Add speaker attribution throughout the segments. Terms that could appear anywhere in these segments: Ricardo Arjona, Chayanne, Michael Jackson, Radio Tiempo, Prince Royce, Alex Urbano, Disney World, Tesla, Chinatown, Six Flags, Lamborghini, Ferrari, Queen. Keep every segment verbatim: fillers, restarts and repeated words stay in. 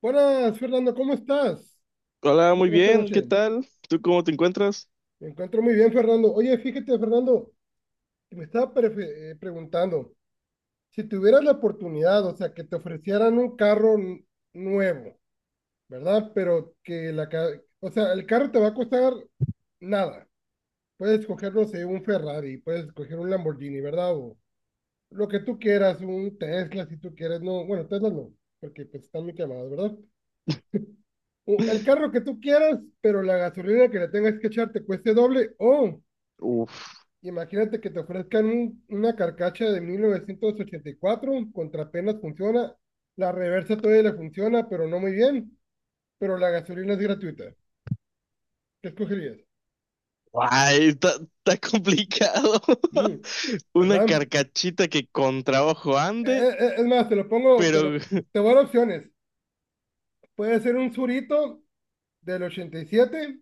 Speaker 1: Buenas, Fernando, ¿cómo estás?
Speaker 2: Hola,
Speaker 1: ¿Cómo
Speaker 2: muy
Speaker 1: te va esta
Speaker 2: bien, ¿qué
Speaker 1: noche?
Speaker 2: tal? ¿Tú cómo te encuentras?
Speaker 1: Me encuentro muy bien, Fernando. Oye, fíjate, Fernando, que me estaba prefe- eh, preguntando, si tuvieras la oportunidad, o sea, que te ofrecieran un carro n- nuevo, ¿verdad? Pero que la, ca- o sea, el carro te va a costar nada. Puedes coger, no sé, un Ferrari, puedes coger un Lamborghini, ¿verdad? O lo que tú quieras, un Tesla, si tú quieres, no, bueno, Tesla no, porque pues están muy quemados, ¿verdad? O el carro que tú quieras, pero la gasolina que le tengas que echar te cueste doble. O
Speaker 2: Uf,
Speaker 1: imagínate que te ofrezcan un- una carcacha de mil novecientos ochenta y cuatro contra apenas funciona, la reversa todavía le funciona, pero no muy bien, pero la gasolina es gratuita. ¿Qué escogerías?
Speaker 2: ay, está, está complicado.
Speaker 1: Mm,
Speaker 2: Una
Speaker 1: ¿verdad?
Speaker 2: carcachita que con trabajo
Speaker 1: Eh,
Speaker 2: ande,
Speaker 1: eh, eh, es más, te lo pongo, te
Speaker 2: pero
Speaker 1: lo, te voy a dar opciones. Puede ser un surito del ochenta y siete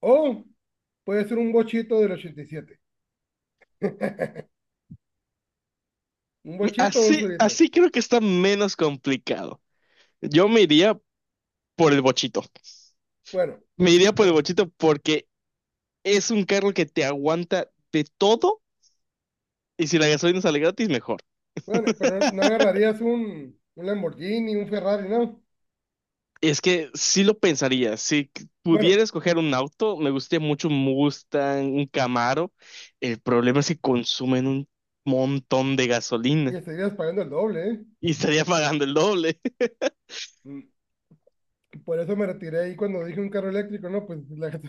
Speaker 1: o puede ser un bochito del ochenta y siete. Un bochito o un
Speaker 2: así,
Speaker 1: surito.
Speaker 2: así creo que está menos complicado. Yo me iría por el bochito.
Speaker 1: Bueno,
Speaker 2: Me iría por el bochito porque es un carro que te aguanta de todo y si la gasolina sale gratis, mejor.
Speaker 1: Bueno, pero no no agarrarías un, un Lamborghini, un Ferrari, ¿no?
Speaker 2: Es que sí lo pensaría. Si c-
Speaker 1: Bueno,
Speaker 2: pudiera escoger un auto, me gustaría mucho un Mustang, un Camaro. El problema es que consumen un montón de
Speaker 1: y
Speaker 2: gasolina
Speaker 1: estarías pagando el doble, ¿eh?
Speaker 2: y estaría pagando el doble.
Speaker 1: Mm, por eso me retiré ahí cuando dije un carro eléctrico, ¿no? Pues la,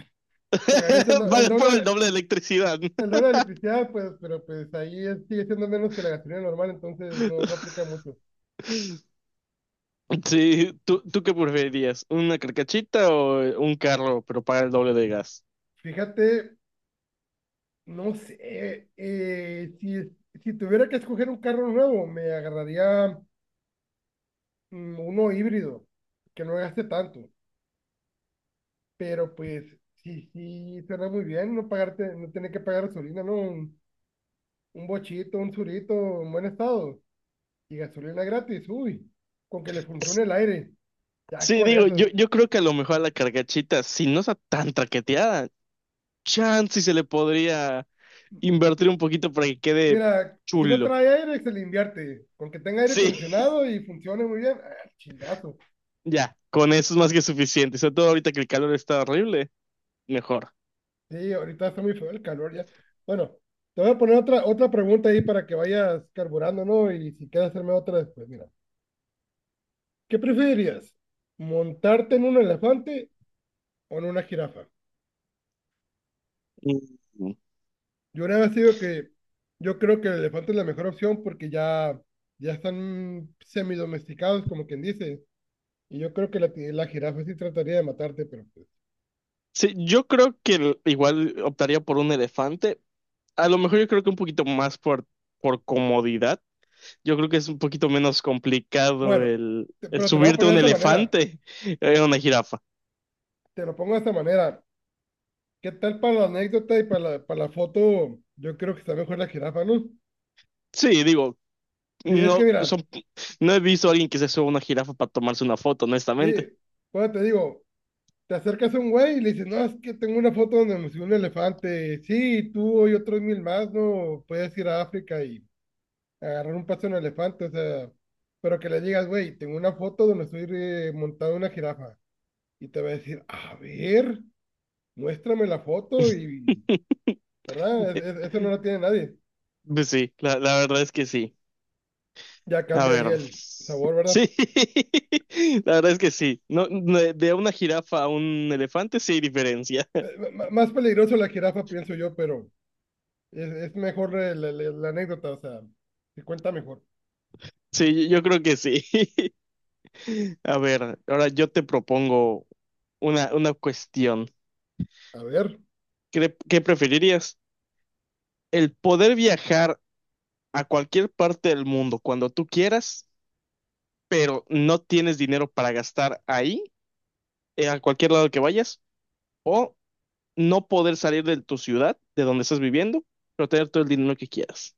Speaker 1: pagaré el, do- el
Speaker 2: Pagan por el
Speaker 1: doble,
Speaker 2: doble de electricidad, ¿no?
Speaker 1: el doble de electricidad, pues, pero pues ahí es- sigue siendo menos que la gasolina normal, entonces no, no aplica mucho.
Speaker 2: Sí, ¿tú, tú qué preferirías? ¿Una carcachita o eh, un carro, pero paga el doble de gas?
Speaker 1: Fíjate, no sé, eh, si, es- si tuviera que escoger un carro nuevo, me agarraría mm, uno híbrido, que no gaste tanto. Pero pues sí, sí, suena muy bien no pagarte, no tener que pagar gasolina, ¿no? Un, un bochito, un surito en buen estado y gasolina gratis, uy, con que le funcione el aire, ya
Speaker 2: Sí,
Speaker 1: con
Speaker 2: digo,
Speaker 1: eso.
Speaker 2: yo, yo creo que a lo mejor a la carcachita, si no está tan traqueteada, chance y se le podría invertir
Speaker 1: Mi-
Speaker 2: un poquito para que quede
Speaker 1: Mira, si no
Speaker 2: chulo.
Speaker 1: trae aire, se le invierte, con que tenga aire
Speaker 2: Sí,
Speaker 1: acondicionado y funcione muy bien, ah, chingazo.
Speaker 2: ya, con eso es más que suficiente. Sobre todo ahorita que el calor está horrible, mejor.
Speaker 1: Sí, ahorita está muy feo el calor ya. Bueno, te voy a poner otra, otra pregunta ahí para que vayas carburando, ¿no? Y si quieres hacerme otra después, mira, ¿qué preferirías? ¿Montarte en un elefante o en una jirafa?
Speaker 2: Mm.
Speaker 1: Yo una vez digo que yo creo que el elefante es la mejor opción porque ya, ya están semidomesticados, como quien dice. Y yo creo que la, ti- la jirafa sí trataría de matarte, pero pues,
Speaker 2: Sí, yo creo que el- igual optaría por un elefante. A lo mejor yo creo que un poquito más por, por comodidad. Yo creo que es un poquito menos complicado
Speaker 1: bueno,
Speaker 2: el,
Speaker 1: te-
Speaker 2: el
Speaker 1: pero te lo voy a
Speaker 2: subirte a
Speaker 1: poner de
Speaker 2: un
Speaker 1: esta manera.
Speaker 2: elefante, eh, a una jirafa.
Speaker 1: Te lo pongo de esta manera. ¿Qué tal para la anécdota y para la, para la foto? Yo creo que está mejor la jirafa, ¿no?
Speaker 2: Sí, digo,
Speaker 1: Sí, es que
Speaker 2: no,
Speaker 1: mira,
Speaker 2: son, no he visto a alguien que se suba a una jirafa para tomarse una foto,
Speaker 1: sí,
Speaker 2: honestamente.
Speaker 1: bueno, te digo, te acercas a un güey y le dices, no, es que tengo una foto donde me subí un elefante. Sí, tú y otros mil más, ¿no? Puedes ir a África y agarrar un paso en un elefante, o sea, pero que le digas, güey, tengo una foto donde estoy eh, montado en una jirafa y te va a decir, a ver, muéstrame la foto y, ¿verdad? Es- es- eso no lo tiene nadie.
Speaker 2: Pues sí, la, la verdad es que sí.
Speaker 1: Ya
Speaker 2: A
Speaker 1: cambia ahí
Speaker 2: ver.
Speaker 1: el sabor, ¿verdad?
Speaker 2: Sí, la verdad es que sí. No, no, de una jirafa a un elefante sí hay diferencia.
Speaker 1: Eh, m- m- más peligroso la jirafa, pienso yo, pero es, es mejor eh, la, la- la anécdota, o sea, se cuenta mejor.
Speaker 2: Sí, yo creo que sí. A ver, ahora yo te propongo una, una cuestión.
Speaker 1: A ver,
Speaker 2: ¿Qué, qué preferirías? ¿El poder viajar a cualquier parte del mundo cuando tú quieras, pero no tienes dinero para gastar ahí, eh, a cualquier lado que vayas? ¿O no poder salir de tu ciudad, de donde estás viviendo, pero tener todo el dinero que quieras?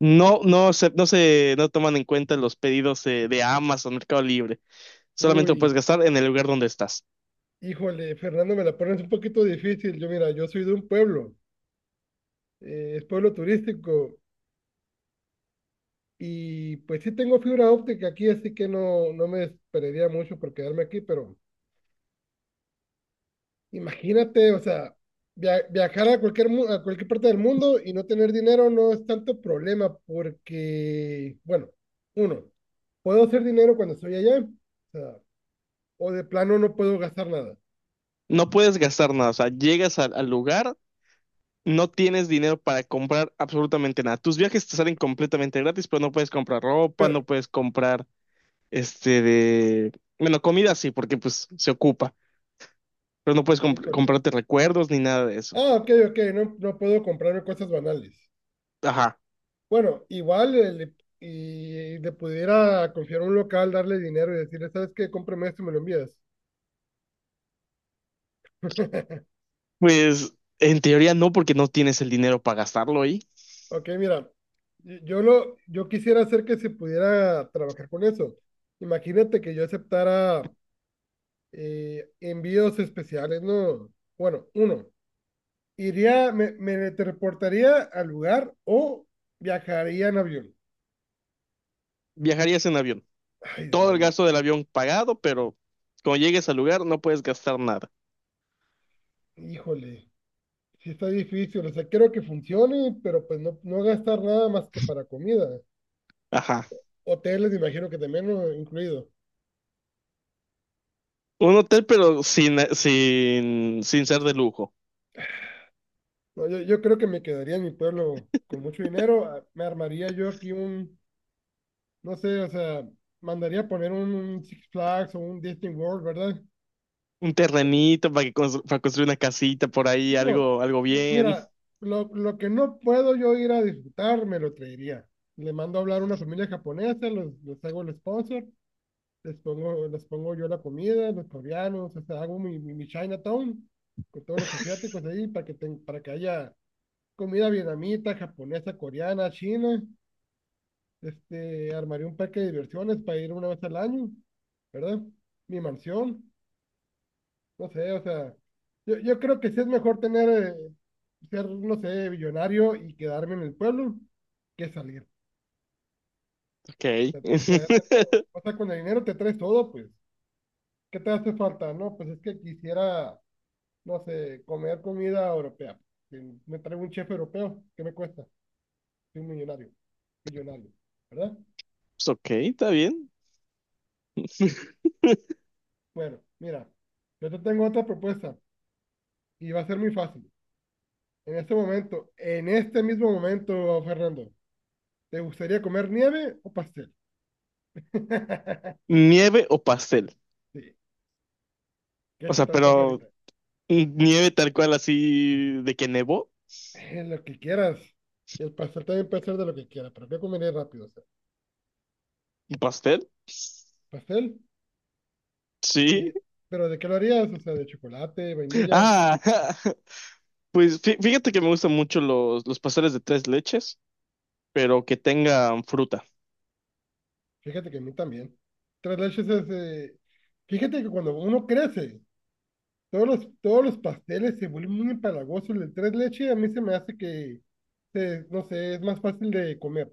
Speaker 2: No, no se, no se, no toman en cuenta los pedidos eh, de, Amazon, Mercado Libre. Solamente lo puedes
Speaker 1: uy,
Speaker 2: gastar en el lugar donde estás.
Speaker 1: híjole, Fernando, me la pones un poquito difícil. Yo, mira, yo soy de un pueblo, eh, es pueblo turístico. Y pues sí tengo fibra óptica aquí, así que no, no me desesperaría mucho por quedarme aquí, pero imagínate, o sea, via- viajar a cualquier, mu- a cualquier parte del mundo y no tener dinero no es tanto problema porque, bueno, uno, puedo hacer dinero cuando estoy allá, o sea, o de plano no puedo gastar nada,
Speaker 2: No puedes gastar nada. O sea, llegas al, al lugar, no tienes dinero para comprar absolutamente nada. Tus viajes te salen completamente gratis, pero no puedes comprar ropa, no
Speaker 1: pero,
Speaker 2: puedes comprar este de, bueno, comida sí, porque pues se ocupa, pero no puedes comp-
Speaker 1: híjole,
Speaker 2: comprarte recuerdos ni nada de eso.
Speaker 1: ah, ok, ok, no, no puedo comprarme cosas banales.
Speaker 2: Ajá.
Speaker 1: Bueno, igual el- y le pudiera confiar a un local, darle dinero y decirle, ¿sabes qué? Cómprame esto y me lo envías.
Speaker 2: Pues en teoría no, porque no tienes el dinero para gastarlo ahí.
Speaker 1: Ok, mira, yo lo, yo quisiera hacer que se pudiera trabajar con eso. Imagínate que yo aceptara eh, envíos especiales, ¿no? Bueno, uno, iría, me, me teleportaría al lugar o viajaría en avión.
Speaker 2: Viajarías en avión.
Speaker 1: Ay,
Speaker 2: Todo el
Speaker 1: demonio.
Speaker 2: gasto del avión pagado, pero cuando llegues al lugar no puedes gastar nada.
Speaker 1: Híjole, sí está difícil. O sea, quiero que funcione, pero pues no, no gastar nada más que para comida.
Speaker 2: Ajá.
Speaker 1: Hoteles, imagino que también, ¿no? Incluido.
Speaker 2: Un hotel, pero sin, sin, sin ser de lujo.
Speaker 1: No, yo, yo creo que me quedaría en mi pueblo con mucho dinero. Ah, me armaría yo aquí un no sé, o sea, mandaría poner un Six Flags o un Disney World, ¿verdad?
Speaker 2: Un terrenito para, que constru- para construir una casita por ahí,
Speaker 1: Digo,
Speaker 2: algo, algo
Speaker 1: mi-
Speaker 2: bien.
Speaker 1: mira, lo, lo que no puedo yo ir a disfrutar, me lo traería. Le mando a hablar a una familia japonesa, los, les hago el sponsor, les pongo, les pongo yo la comida, los coreanos, o sea, hago mi, mi, mi Chinatown con todos los asiáticos ahí para que, ten- para que haya comida vietnamita, japonesa, coreana, china. Este, armaría un parque de diversiones para ir una vez al año, ¿verdad? Mi mansión. No sé, o sea, yo, yo creo que sí es mejor tener, eh, ser, no sé, billonario y quedarme en el pueblo que salir, o
Speaker 2: Ok.
Speaker 1: sea, traerme todo. O sea, con el dinero te traes todo, pues. ¿Qué te hace falta? No, pues es que quisiera, no sé, comer comida europea. Que me traigo un chef europeo, ¿qué me cuesta? Soy un millonario, billonario, ¿verdad?
Speaker 2: Pues ok, está bien.
Speaker 1: Bueno, mira, yo te tengo otra propuesta y va a ser muy fácil. En este momento, en este mismo momento, Fernando, ¿te gustaría comer nieve o pastel?
Speaker 2: ¿Nieve o pastel?
Speaker 1: Sí, ¿qué
Speaker 2: O
Speaker 1: se
Speaker 2: sea,
Speaker 1: te antoja
Speaker 2: pero
Speaker 1: ahorita?
Speaker 2: mm, nieve tal cual así de que nevó.
Speaker 1: Eh, lo que quieras. Y el pastel también puede ser de lo que quieras, pero ¿qué comería rápido? O sea,
Speaker 2: ¿Un pastel?
Speaker 1: pastel. Y,
Speaker 2: Sí.
Speaker 1: ¿pero de qué lo harías? O sea, de chocolate, vainilla.
Speaker 2: Ah, pues fí- fíjate que me gustan mucho los, los pasteles de tres leches, pero que tengan fruta.
Speaker 1: Fíjate que a mí también. Tres leches es... eh, Fíjate que cuando uno crece, todos los, todos los pasteles se vuelven muy empalagosos. El de tres leches a mí se me hace que, se- no sé, es más fácil de comer.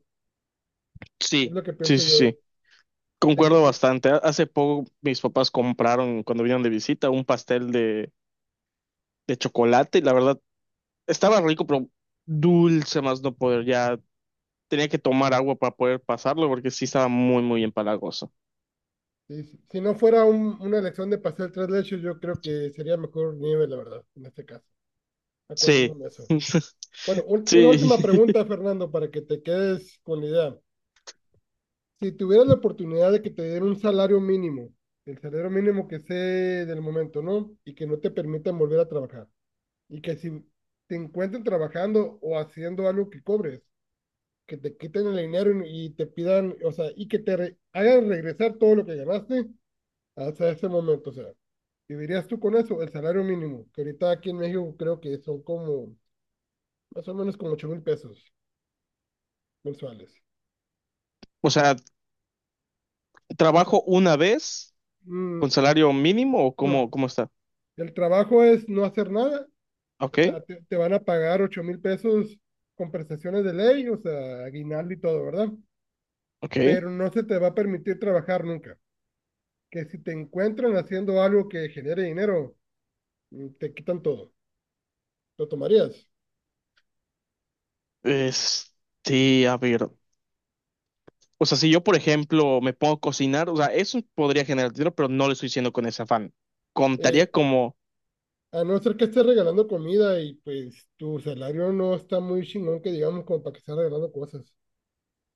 Speaker 1: Es
Speaker 2: Sí,
Speaker 1: lo que
Speaker 2: sí,
Speaker 1: pienso
Speaker 2: sí,
Speaker 1: yo.
Speaker 2: sí.
Speaker 1: De
Speaker 2: Concuerdo
Speaker 1: chiqui-
Speaker 2: bastante. Ha- Hace poco mis papás compraron, cuando vinieron de visita, un pastel de, de chocolate y la verdad estaba rico, pero dulce más no poder. Ya tenía que tomar agua para poder pasarlo porque sí estaba muy, muy empalagoso.
Speaker 1: Sí, si si no fuera un- una elección de pastel tres leches, yo creo que sería mejor nieve, la verdad, en este caso,
Speaker 2: Sí,
Speaker 1: acordándome de eso. Bueno, un- una última
Speaker 2: sí.
Speaker 1: pregunta, Fernando, para que te quedes con la idea. Si tuvieras la oportunidad de que te den un salario mínimo, el salario mínimo que sea del momento, ¿no? Y que no te permitan volver a trabajar. Y que si te encuentren trabajando o haciendo algo que cobres, que te quiten el dinero y y te pidan, o sea, y que te re- hagan regresar todo lo que ganaste hasta ese momento, o sea. Vivirías tú con eso, el salario mínimo, que ahorita aquí en México creo que son como, más o menos como ocho mil pesos mensuales.
Speaker 2: O sea,
Speaker 1: O sea,
Speaker 2: ¿trabajo una vez
Speaker 1: mm,
Speaker 2: con salario mínimo o cómo,
Speaker 1: no,
Speaker 2: cómo está?
Speaker 1: el trabajo es no hacer nada, o
Speaker 2: Ok,
Speaker 1: sea, te, te van a pagar ocho mil pesos con prestaciones de ley, o sea, aguinaldo y todo, ¿verdad?
Speaker 2: ok.
Speaker 1: Pero no se te va a permitir trabajar nunca, que si te encuentran haciendo algo que genere dinero, mm, te quitan todo, lo tomarías.
Speaker 2: Es, sí, a ver. O sea, si yo, por ejemplo, me pongo a cocinar, o sea, eso podría generar dinero, pero no lo estoy haciendo con ese afán. Contaría
Speaker 1: Eh,
Speaker 2: como,
Speaker 1: A no ser que estés regalando comida y pues tu salario no está muy chingón que digamos como para que estés regalando cosas.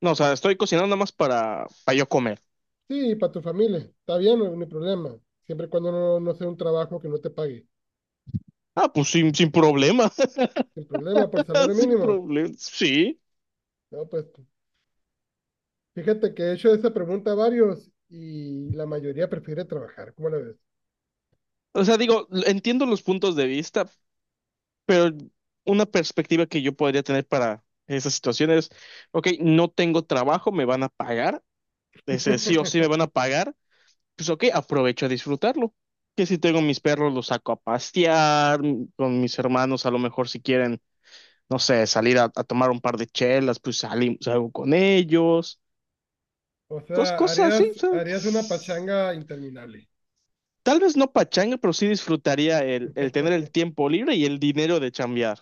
Speaker 2: no, o sea, estoy cocinando nada más para, para yo comer.
Speaker 1: Sí, para tu familia, está bien, no, no hay problema. Siempre y cuando no, no sea un trabajo que no te pague.
Speaker 2: Ah, pues sin, sin problema,
Speaker 1: Sin problema, por salario
Speaker 2: sin
Speaker 1: mínimo.
Speaker 2: problema, sí.
Speaker 1: No, pues fíjate que he hecho esa pregunta a varios y la mayoría prefiere trabajar, ¿cómo la ves?
Speaker 2: O sea, digo, entiendo los puntos de vista, pero una perspectiva que yo podría tener para esas situaciones, ok, no tengo trabajo, me van a pagar, ese sí o sí me van a pagar pues ok, aprovecho a disfrutarlo. Que si tengo mis perros, los saco a pastear, m- con mis hermanos a lo mejor si quieren, no sé, salir a, a tomar un par de chelas, pues salimos, salgo con ellos,
Speaker 1: O
Speaker 2: cos-
Speaker 1: sea,
Speaker 2: cosas así. O
Speaker 1: harías,
Speaker 2: sea,
Speaker 1: harías una pachanga interminable.
Speaker 2: tal vez no pachanga, pero sí disfrutaría el, el tener el tiempo libre y el dinero de chambear.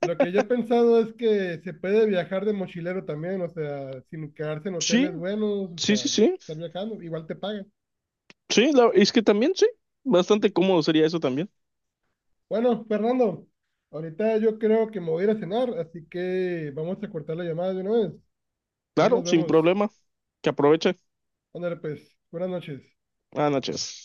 Speaker 1: Lo que yo he pensado es que se puede viajar de mochilero también, o sea, sin quedarse en
Speaker 2: Sí,
Speaker 1: hoteles buenos, o
Speaker 2: sí,
Speaker 1: sea,
Speaker 2: sí,
Speaker 1: de
Speaker 2: sí,
Speaker 1: estar viajando, igual te pagan.
Speaker 2: sí, la- es que también sí, bastante cómodo sería eso también.
Speaker 1: Bueno, Fernando, ahorita yo creo que me voy a ir a cenar, así que vamos a cortar la llamada de una vez. Ahí
Speaker 2: Claro,
Speaker 1: nos
Speaker 2: sin
Speaker 1: vemos.
Speaker 2: problema. Que aproveche.
Speaker 1: Ándale, pues, buenas noches.
Speaker 2: Buenas noches.